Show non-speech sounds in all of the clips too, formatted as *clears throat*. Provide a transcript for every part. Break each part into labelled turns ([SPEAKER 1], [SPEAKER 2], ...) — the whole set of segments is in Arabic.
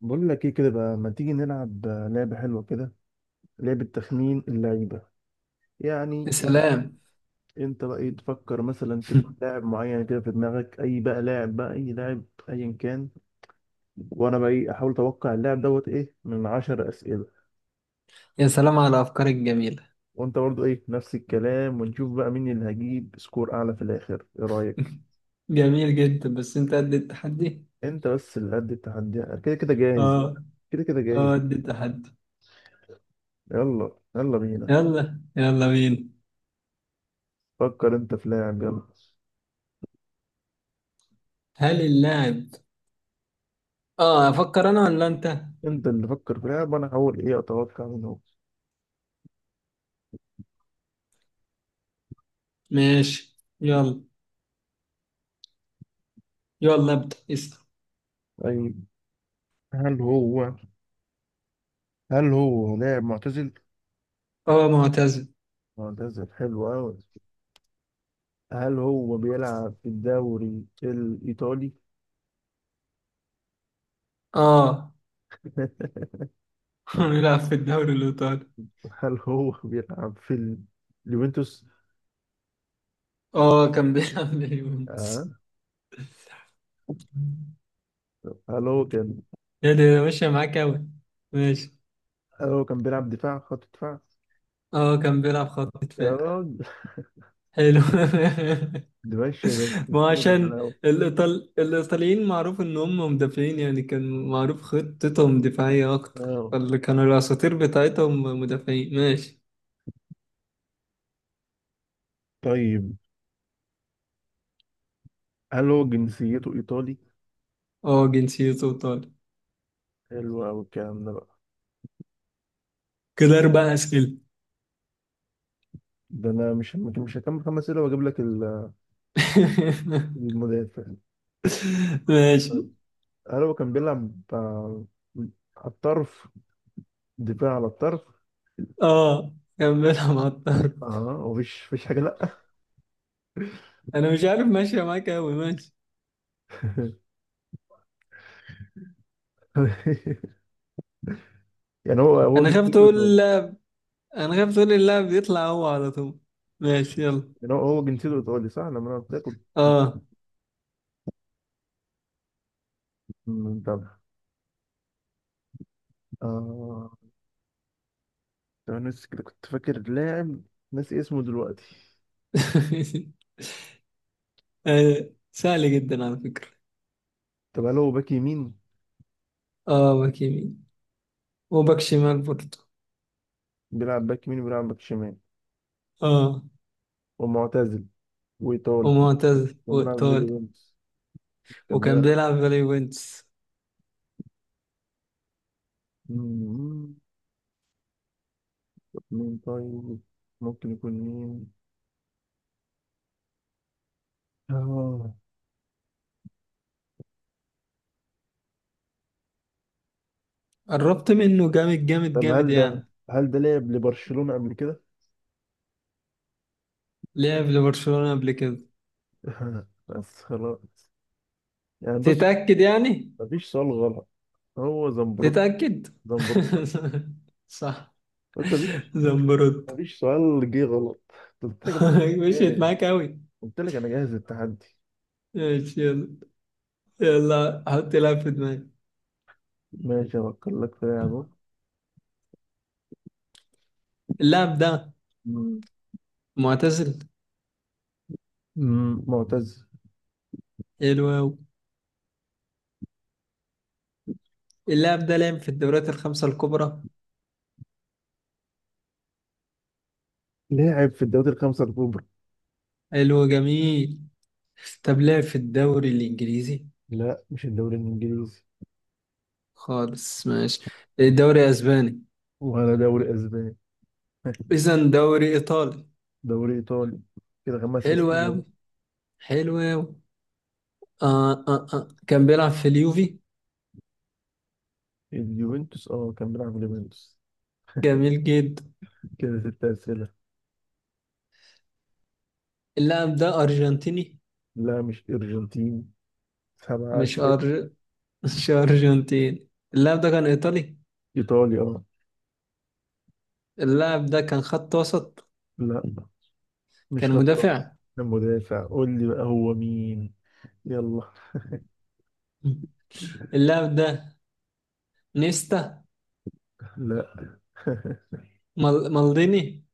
[SPEAKER 1] بقول لك ايه كده بقى، ما تيجي نلعب لعبة حلوة كده؟ لعبة تخمين اللعيبة.
[SPEAKER 2] يا
[SPEAKER 1] يعني
[SPEAKER 2] سلام.
[SPEAKER 1] انت بقى ايه تفكر مثلا كده في
[SPEAKER 2] *laughs*
[SPEAKER 1] لاعب معين كده في دماغك، اي بقى لاعب، بقى اي لاعب ايا كان. وانا بقى ايه احاول اتوقع اللاعب دوت ايه من 10 اسئلة.
[SPEAKER 2] يا سلام على أفكارك الجميلة.
[SPEAKER 1] وانت برضو ايه نفس الكلام، ونشوف بقى مين اللي هجيب سكور اعلى في الاخر، ايه رأيك؟
[SPEAKER 2] *laughs* جميل جدا، بس أنت قد التحدي؟
[SPEAKER 1] انت بس اللي قد التحدي، كده كده جاهز يعني،
[SPEAKER 2] آه.
[SPEAKER 1] كده كده
[SPEAKER 2] آه
[SPEAKER 1] جاهز.
[SPEAKER 2] قد التحدي.
[SPEAKER 1] يلا يلا بينا،
[SPEAKER 2] يلا يلا بينا.
[SPEAKER 1] فكر انت في لاعب يلا.
[SPEAKER 2] هل اللاعب أفكر أنا ولا أنت؟
[SPEAKER 1] انت اللي فكر في لاعب وانا هحاول ايه اتوقع منه.
[SPEAKER 2] ماشي يلا. يلا ابدأ اسأل.
[SPEAKER 1] طيب، هل هو هل هو لاعب معتزل؟
[SPEAKER 2] آه معتزل.
[SPEAKER 1] معتزل، حلو أوي. هل هو بيلعب في الدوري الإيطالي؟
[SPEAKER 2] آه.
[SPEAKER 1] *laughs*
[SPEAKER 2] *laughs* بيلعب في الدوري الإيطالي.
[SPEAKER 1] هل هو بيلعب في اليوفنتوس؟
[SPEAKER 2] آه كان بيلعب
[SPEAKER 1] آه.
[SPEAKER 2] لليونس. *laughs*
[SPEAKER 1] هل هو كان
[SPEAKER 2] يا ده ماشية معاك أوي. ماشي.
[SPEAKER 1] هل هو كان بيلعب دفاع، خط دفاع؟
[SPEAKER 2] آه كان بيلعب خط
[SPEAKER 1] يا
[SPEAKER 2] دفاع.
[SPEAKER 1] راجل،
[SPEAKER 2] حلو. *laughs*
[SPEAKER 1] ده ماشي ده
[SPEAKER 2] ما هو
[SPEAKER 1] كده
[SPEAKER 2] عشان
[SPEAKER 1] بالحلاوة.
[SPEAKER 2] الإيطاليين معروف إن هم مدافعين، يعني كان معروف خطتهم دفاعية أكتر،
[SPEAKER 1] آه.
[SPEAKER 2] فاللي كانوا الأساطير بتاعتهم مدافعين. ماشي.
[SPEAKER 1] طيب، هل هو جنسيته إيطالي؟
[SPEAKER 2] اه جنسيته إيطالي.
[SPEAKER 1] حلو أوي الكلام ده بقى.
[SPEAKER 2] كده أربع أسئلة.
[SPEAKER 1] ده أنا مش هكمل 5 أسئلة وأجيب لك
[SPEAKER 2] *laughs*
[SPEAKER 1] المدافع.
[SPEAKER 2] ماشي.
[SPEAKER 1] طيب. هل هو كان بيلعب، آه، على الطرف، دفاع على الطرف؟
[SPEAKER 2] اه كملها مع الطرف.
[SPEAKER 1] اه، ومفيش مفيش حاجه، لا.
[SPEAKER 2] أنا مش عارف، ماشية معاك أوي. ماشي.
[SPEAKER 1] *laughs* يعني هو
[SPEAKER 2] أنا خايف
[SPEAKER 1] جنسيته
[SPEAKER 2] تقول
[SPEAKER 1] ايطالي.
[SPEAKER 2] اللاعب. أنا خايف تقول اللاعب يطلع هو على طول. ماشي يلا.
[SPEAKER 1] يعني هو جنسيته ايطالي صح؟ لما انا قلت لك كنت
[SPEAKER 2] اه.
[SPEAKER 1] متابع. اه. طب انا نسي كده، كنت فاكر لاعب ناسي اسمه دلوقتي.
[SPEAKER 2] *laughs* آه، سهل جدا على فكرة.
[SPEAKER 1] طب هل هو باك يمين؟
[SPEAKER 2] اه باك يمين وباك شمال برضه.
[SPEAKER 1] بيلعب باك يمين وبيلعب باك شمال،
[SPEAKER 2] اه
[SPEAKER 1] ومعتزل، وايطالي. كان
[SPEAKER 2] ومعتزل
[SPEAKER 1] كان بيلعب في
[SPEAKER 2] وإيطالي
[SPEAKER 1] اليوفنتوس. كان
[SPEAKER 2] وكان
[SPEAKER 1] بيلعب،
[SPEAKER 2] بيلعب في اليوفنتوس.
[SPEAKER 1] مم، مين طيب؟ ممكن يكون مين؟ اه.
[SPEAKER 2] قربت منه جامد جامد
[SPEAKER 1] طب
[SPEAKER 2] جامد
[SPEAKER 1] هل ده
[SPEAKER 2] يعني.
[SPEAKER 1] هل ده لعب لبرشلونة قبل كده؟
[SPEAKER 2] لعب لبرشلونة قبل كده.
[SPEAKER 1] *laughs* بس خلاص، يعني بص،
[SPEAKER 2] تتأكد يعني.
[SPEAKER 1] مفيش سؤال غلط. هو زنبروك.
[SPEAKER 2] تتأكد.
[SPEAKER 1] زنبروك.
[SPEAKER 2] *laughs* صح.
[SPEAKER 1] بس مفيش،
[SPEAKER 2] زمبروت.
[SPEAKER 1] سؤال جه غلط. قلت لك يا باشا
[SPEAKER 2] *laughs*
[SPEAKER 1] أنا
[SPEAKER 2] مشيت
[SPEAKER 1] جاهز،
[SPEAKER 2] معاك أوي.
[SPEAKER 1] قلت لك انا جاهز للتحدي.
[SPEAKER 2] ماشي يلا. يلا حط لاعب في دماغي.
[SPEAKER 1] ماشي، افكر لك في لاعب أهو.
[SPEAKER 2] اللاعب ده معتزل.
[SPEAKER 1] مم، معتز.
[SPEAKER 2] حلو أوي. اللاعب ده لعب في الدوريات الخمسة الكبرى.
[SPEAKER 1] لاعب في الدوري الخمسة الكبرى.
[SPEAKER 2] حلو جميل. طب لعب في الدوري الإنجليزي؟
[SPEAKER 1] لا، مش الدوري الانجليزي.
[SPEAKER 2] خالص ماشي. دوري اسباني؟
[SPEAKER 1] ولا دوري اسباني. *laughs*
[SPEAKER 2] اذا دوري ايطالي.
[SPEAKER 1] دوري ايطالي. كده خمس
[SPEAKER 2] حلو
[SPEAKER 1] اسئله
[SPEAKER 2] قوي. حلو قوي. كان بيلعب في اليوفي.
[SPEAKER 1] اليوفنتوس، اه، كان بيلعب في اليوفنتوس.
[SPEAKER 2] جميل جدا.
[SPEAKER 1] كده 6 اسئله.
[SPEAKER 2] اللاعب ده ارجنتيني؟
[SPEAKER 1] لا مش ارجنتين. سبعة
[SPEAKER 2] مش
[SPEAKER 1] اسئلة
[SPEAKER 2] أر... *laughs* مش ارجنتيني. اللاعب ده كان ايطالي.
[SPEAKER 1] ايطاليا، اه.
[SPEAKER 2] اللاعب ده كان خط وسط.
[SPEAKER 1] لا، مش
[SPEAKER 2] كان
[SPEAKER 1] خطاط.
[SPEAKER 2] مدافع.
[SPEAKER 1] كان مدافع. قول لي بقى هو مين، يلا.
[SPEAKER 2] اللاعب ده نيستا.
[SPEAKER 1] لا. *laughs*
[SPEAKER 2] مالديني.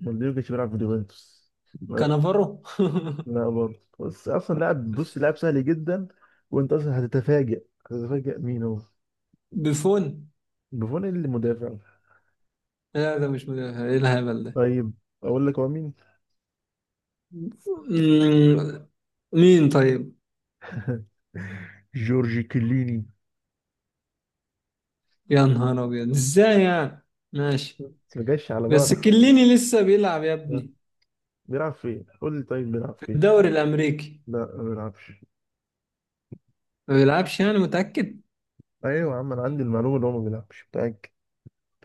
[SPEAKER 1] مالديني ما كانش بيلعب في اليوفنتوس. لا.
[SPEAKER 2] كانافارو.
[SPEAKER 1] لا برضه. بس اصلا لاعب، بص لاعب سهل جدا. وانت اصلا هتتفاجئ مين هو.
[SPEAKER 2] *laughs* بيفون.
[SPEAKER 1] بوفون اللي مدافع؟
[SPEAKER 2] لا ده مش مدافع، ايه الهبل ده.
[SPEAKER 1] طيب، اقول لك هو مين.
[SPEAKER 2] مم، مين طيب؟
[SPEAKER 1] *laughs* جورجي كليني.
[SPEAKER 2] يا نهار ابيض، ازاي يعني. ماشي.
[SPEAKER 1] ما جاش على بالك
[SPEAKER 2] بس
[SPEAKER 1] خالص.
[SPEAKER 2] كليني لسه بيلعب يا ابني.
[SPEAKER 1] بيلعب فين؟ قول لي طيب، بيلعب
[SPEAKER 2] في
[SPEAKER 1] فين؟
[SPEAKER 2] الدوري الامريكي.
[SPEAKER 1] لا، ما بيلعبش.
[SPEAKER 2] ما بيلعبش يعني، متاكد؟
[SPEAKER 1] ايوه يا عم، انا عندي المعلومه اللي هو ما بيلعبش، متاكد.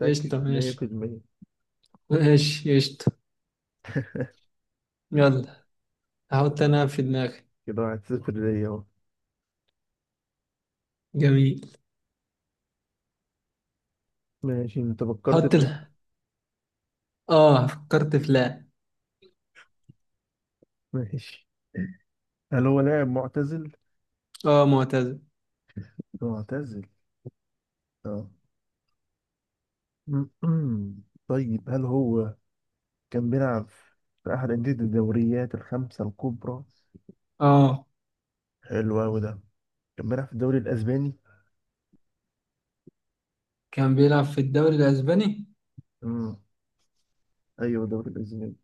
[SPEAKER 2] قشطه ماشي.
[SPEAKER 1] 100%.
[SPEAKER 2] ماشي قشطه. يلا. هحط انا في دماغي.
[SPEAKER 1] كده 1-0 ليا اهو.
[SPEAKER 2] جميل.
[SPEAKER 1] ماشي، انت فكرت
[SPEAKER 2] حط ال...
[SPEAKER 1] لا.
[SPEAKER 2] اه فكرت في لا.
[SPEAKER 1] ماشي. هل هو لاعب معتزل؟
[SPEAKER 2] اه معتزل.
[SPEAKER 1] معتزل. اه. *clears throat* طيب، هل هو كان بيلعب في احد انديه الدوريات الخمسه الكبرى؟
[SPEAKER 2] اه
[SPEAKER 1] حلو قوي ده. كان بيلعب في الدوري الاسباني؟
[SPEAKER 2] كان بيلعب في الدوري الاسباني.
[SPEAKER 1] امم، ايوه الدوري الاسباني.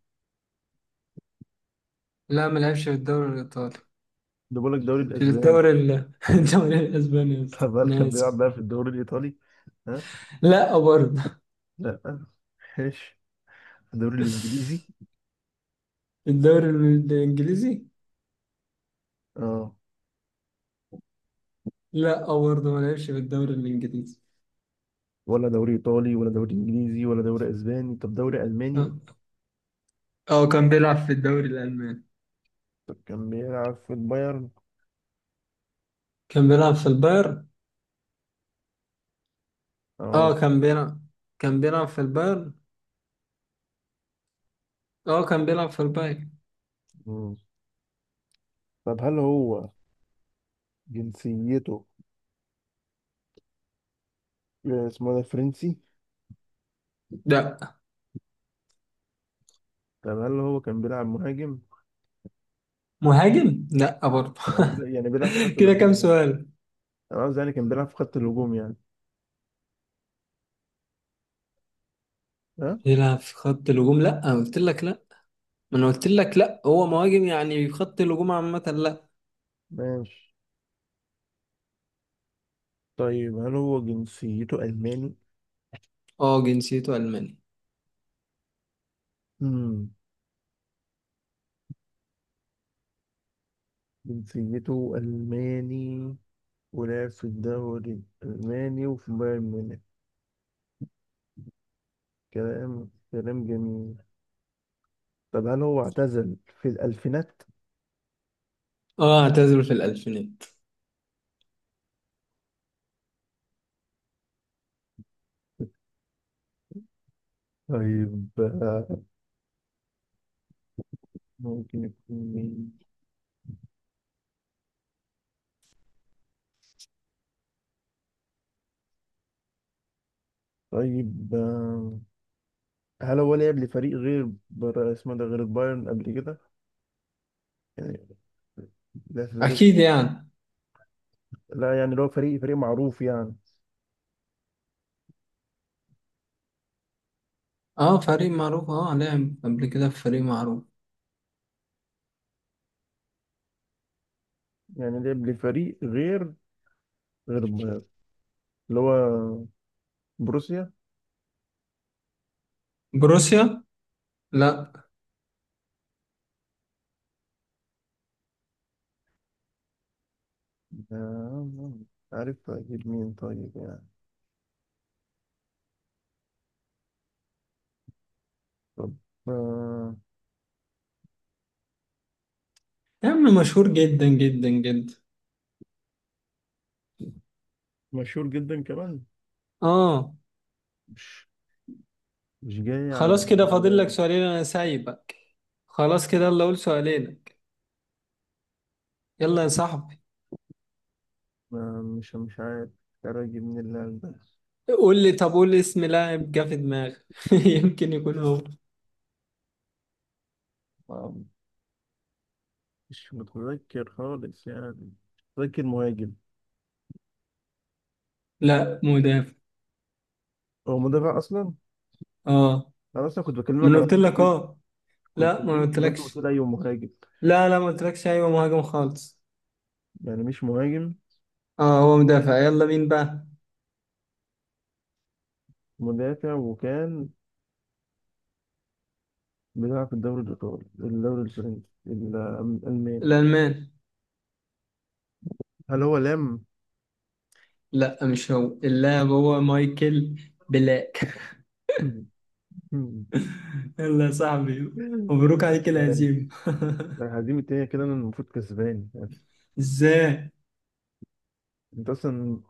[SPEAKER 2] لا ما لعبش في الدوري الايطالي.
[SPEAKER 1] ده بقول لك الدوري
[SPEAKER 2] في
[SPEAKER 1] الاسباني.
[SPEAKER 2] الدوري ال... *laughs* الدوري الاسباني يا
[SPEAKER 1] *laughs*
[SPEAKER 2] اسطى
[SPEAKER 1] طب هل
[SPEAKER 2] انا
[SPEAKER 1] كان بيلعب
[SPEAKER 2] اسف.
[SPEAKER 1] بقى في الدوري الايطالي؟ ها.
[SPEAKER 2] لا برضه.
[SPEAKER 1] لا. ماشي. الدوري الانجليزي؟
[SPEAKER 2] *laughs* الدوري الانجليزي؟
[SPEAKER 1] اه.
[SPEAKER 2] لا آه، برضه ما لعبش في الدوري الانجليزي.
[SPEAKER 1] ولا دوري ايطالي، ولا دوري انجليزي، ولا دوري اسباني. طب دوري
[SPEAKER 2] اه
[SPEAKER 1] الماني؟
[SPEAKER 2] آه، كان بيلعب في الدوري الالماني.
[SPEAKER 1] طب كان بيلعب في البايرن؟
[SPEAKER 2] كان بيلعب في البايرن.
[SPEAKER 1] اه.
[SPEAKER 2] اه كان بيلعب. كان بيلعب في البايرن اه كان بيلعب في البايرن.
[SPEAKER 1] مم. طب هل هو جنسيته آه، اسمه ده فرنسي؟
[SPEAKER 2] لا.
[SPEAKER 1] طب هل هو كان بيلعب مهاجم؟
[SPEAKER 2] مهاجم لا برضه.
[SPEAKER 1] يعني
[SPEAKER 2] *laughs*
[SPEAKER 1] بيلعب يعني بيلعب في خط
[SPEAKER 2] كده كام
[SPEAKER 1] الهجوم يعني.
[SPEAKER 2] سؤال.
[SPEAKER 1] انا قصدي يعني كان بيلعب في خط الهجوم يعني. ها.
[SPEAKER 2] بيلعب في خط الهجوم؟ لا أنا قلت لك لا. ما انا قلت لك لا هو مهاجم يعني، في خط الهجوم عامة لا.
[SPEAKER 1] ماشي. طيب، هل هو جنسيته الماني؟
[SPEAKER 2] اه جنسيته الماني.
[SPEAKER 1] امم. جنسيته الماني، ولعب في الدوري الالماني وفي بايرن ميونخ. كلام جميل. طب هل هو اعتزل في الألفينات؟
[SPEAKER 2] اه اعتزل في الالفينات.
[SPEAKER 1] طيب، آه، ممكن يكون مين؟ طيب، آه، هل هو لعب لفريق غير اسمه ده غير البايرن قبل كده؟ يعني لا، في فريق،
[SPEAKER 2] اكيد يعني.
[SPEAKER 1] لا يعني اللي هو فريق معروف يعني.
[SPEAKER 2] اه فريق معروف. اه لعب قبل كده في فريق معروف.
[SPEAKER 1] يعني لعب لفريق غير، غير البايرن اللي هو بروسيا؟
[SPEAKER 2] بروسيا لا.
[SPEAKER 1] آه، عارف أجيب مين طيب يعني. طب آه،
[SPEAKER 2] يا عم مشهور جدا جدا جدا.
[SPEAKER 1] مشهور جدا كمان.
[SPEAKER 2] اه.
[SPEAKER 1] مش مش جاي على
[SPEAKER 2] خلاص كده
[SPEAKER 1] على
[SPEAKER 2] فاضل لك
[SPEAKER 1] بالي.
[SPEAKER 2] سؤالين انا سايبك. خلاص كده يلا قول سؤالينك. يلا يا صاحبي.
[SPEAKER 1] آه، مش عارف، مش عارف أجيب مين اللاعب ده.
[SPEAKER 2] قول لي، طب قول لي اسم لاعب جه في دماغك. *laughs* يمكن يكون هو.
[SPEAKER 1] آه، مش متذكر خالص يعني. متذكر مهاجم.
[SPEAKER 2] لا مدافع.
[SPEAKER 1] هو مدافع اصلا.
[SPEAKER 2] اه
[SPEAKER 1] انا اصلا كنت
[SPEAKER 2] ما
[SPEAKER 1] بكلمك
[SPEAKER 2] انا
[SPEAKER 1] على
[SPEAKER 2] قلت لك
[SPEAKER 1] مهاجم.
[SPEAKER 2] اه.
[SPEAKER 1] كنت
[SPEAKER 2] لا ما أنا
[SPEAKER 1] بكلمك مهاجم
[SPEAKER 2] قلتلكش.
[SPEAKER 1] وتقول ايوه مهاجم.
[SPEAKER 2] لا ما قلتلكش ايوه مهاجم خالص.
[SPEAKER 1] يعني مش مهاجم.
[SPEAKER 2] اه هو مدافع، يلا مين بقى.
[SPEAKER 1] مدافع، وكان بيلعب في الدوري الايطالي، الدوري الفرنسي، الالماني.
[SPEAKER 2] الالمان
[SPEAKER 1] هل هو لام؟
[SPEAKER 2] لا. مش هو اللاعب، هو مايكل بلاك.
[SPEAKER 1] *laughs*
[SPEAKER 2] *laughs* يلا يا صاحبي. مبروك عليك
[SPEAKER 1] ماشي.
[SPEAKER 2] الهزيمة. *laughs*
[SPEAKER 1] هزيمة ايه كده؟ انا المفروض كسبان.
[SPEAKER 2] ازاي؟
[SPEAKER 1] انت اصلا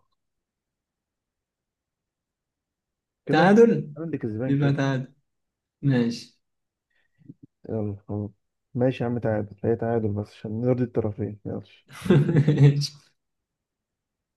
[SPEAKER 1] كده.
[SPEAKER 2] تعادل.
[SPEAKER 1] انا اللي كسبان
[SPEAKER 2] يبقى
[SPEAKER 1] كده.
[SPEAKER 2] تعادل. ماشي.
[SPEAKER 1] يلا خلاص، ماشي يا عم، تعادل هي تعادل، بس عشان نرضي الطرفين، يلا.
[SPEAKER 2] *laughs* ماشي.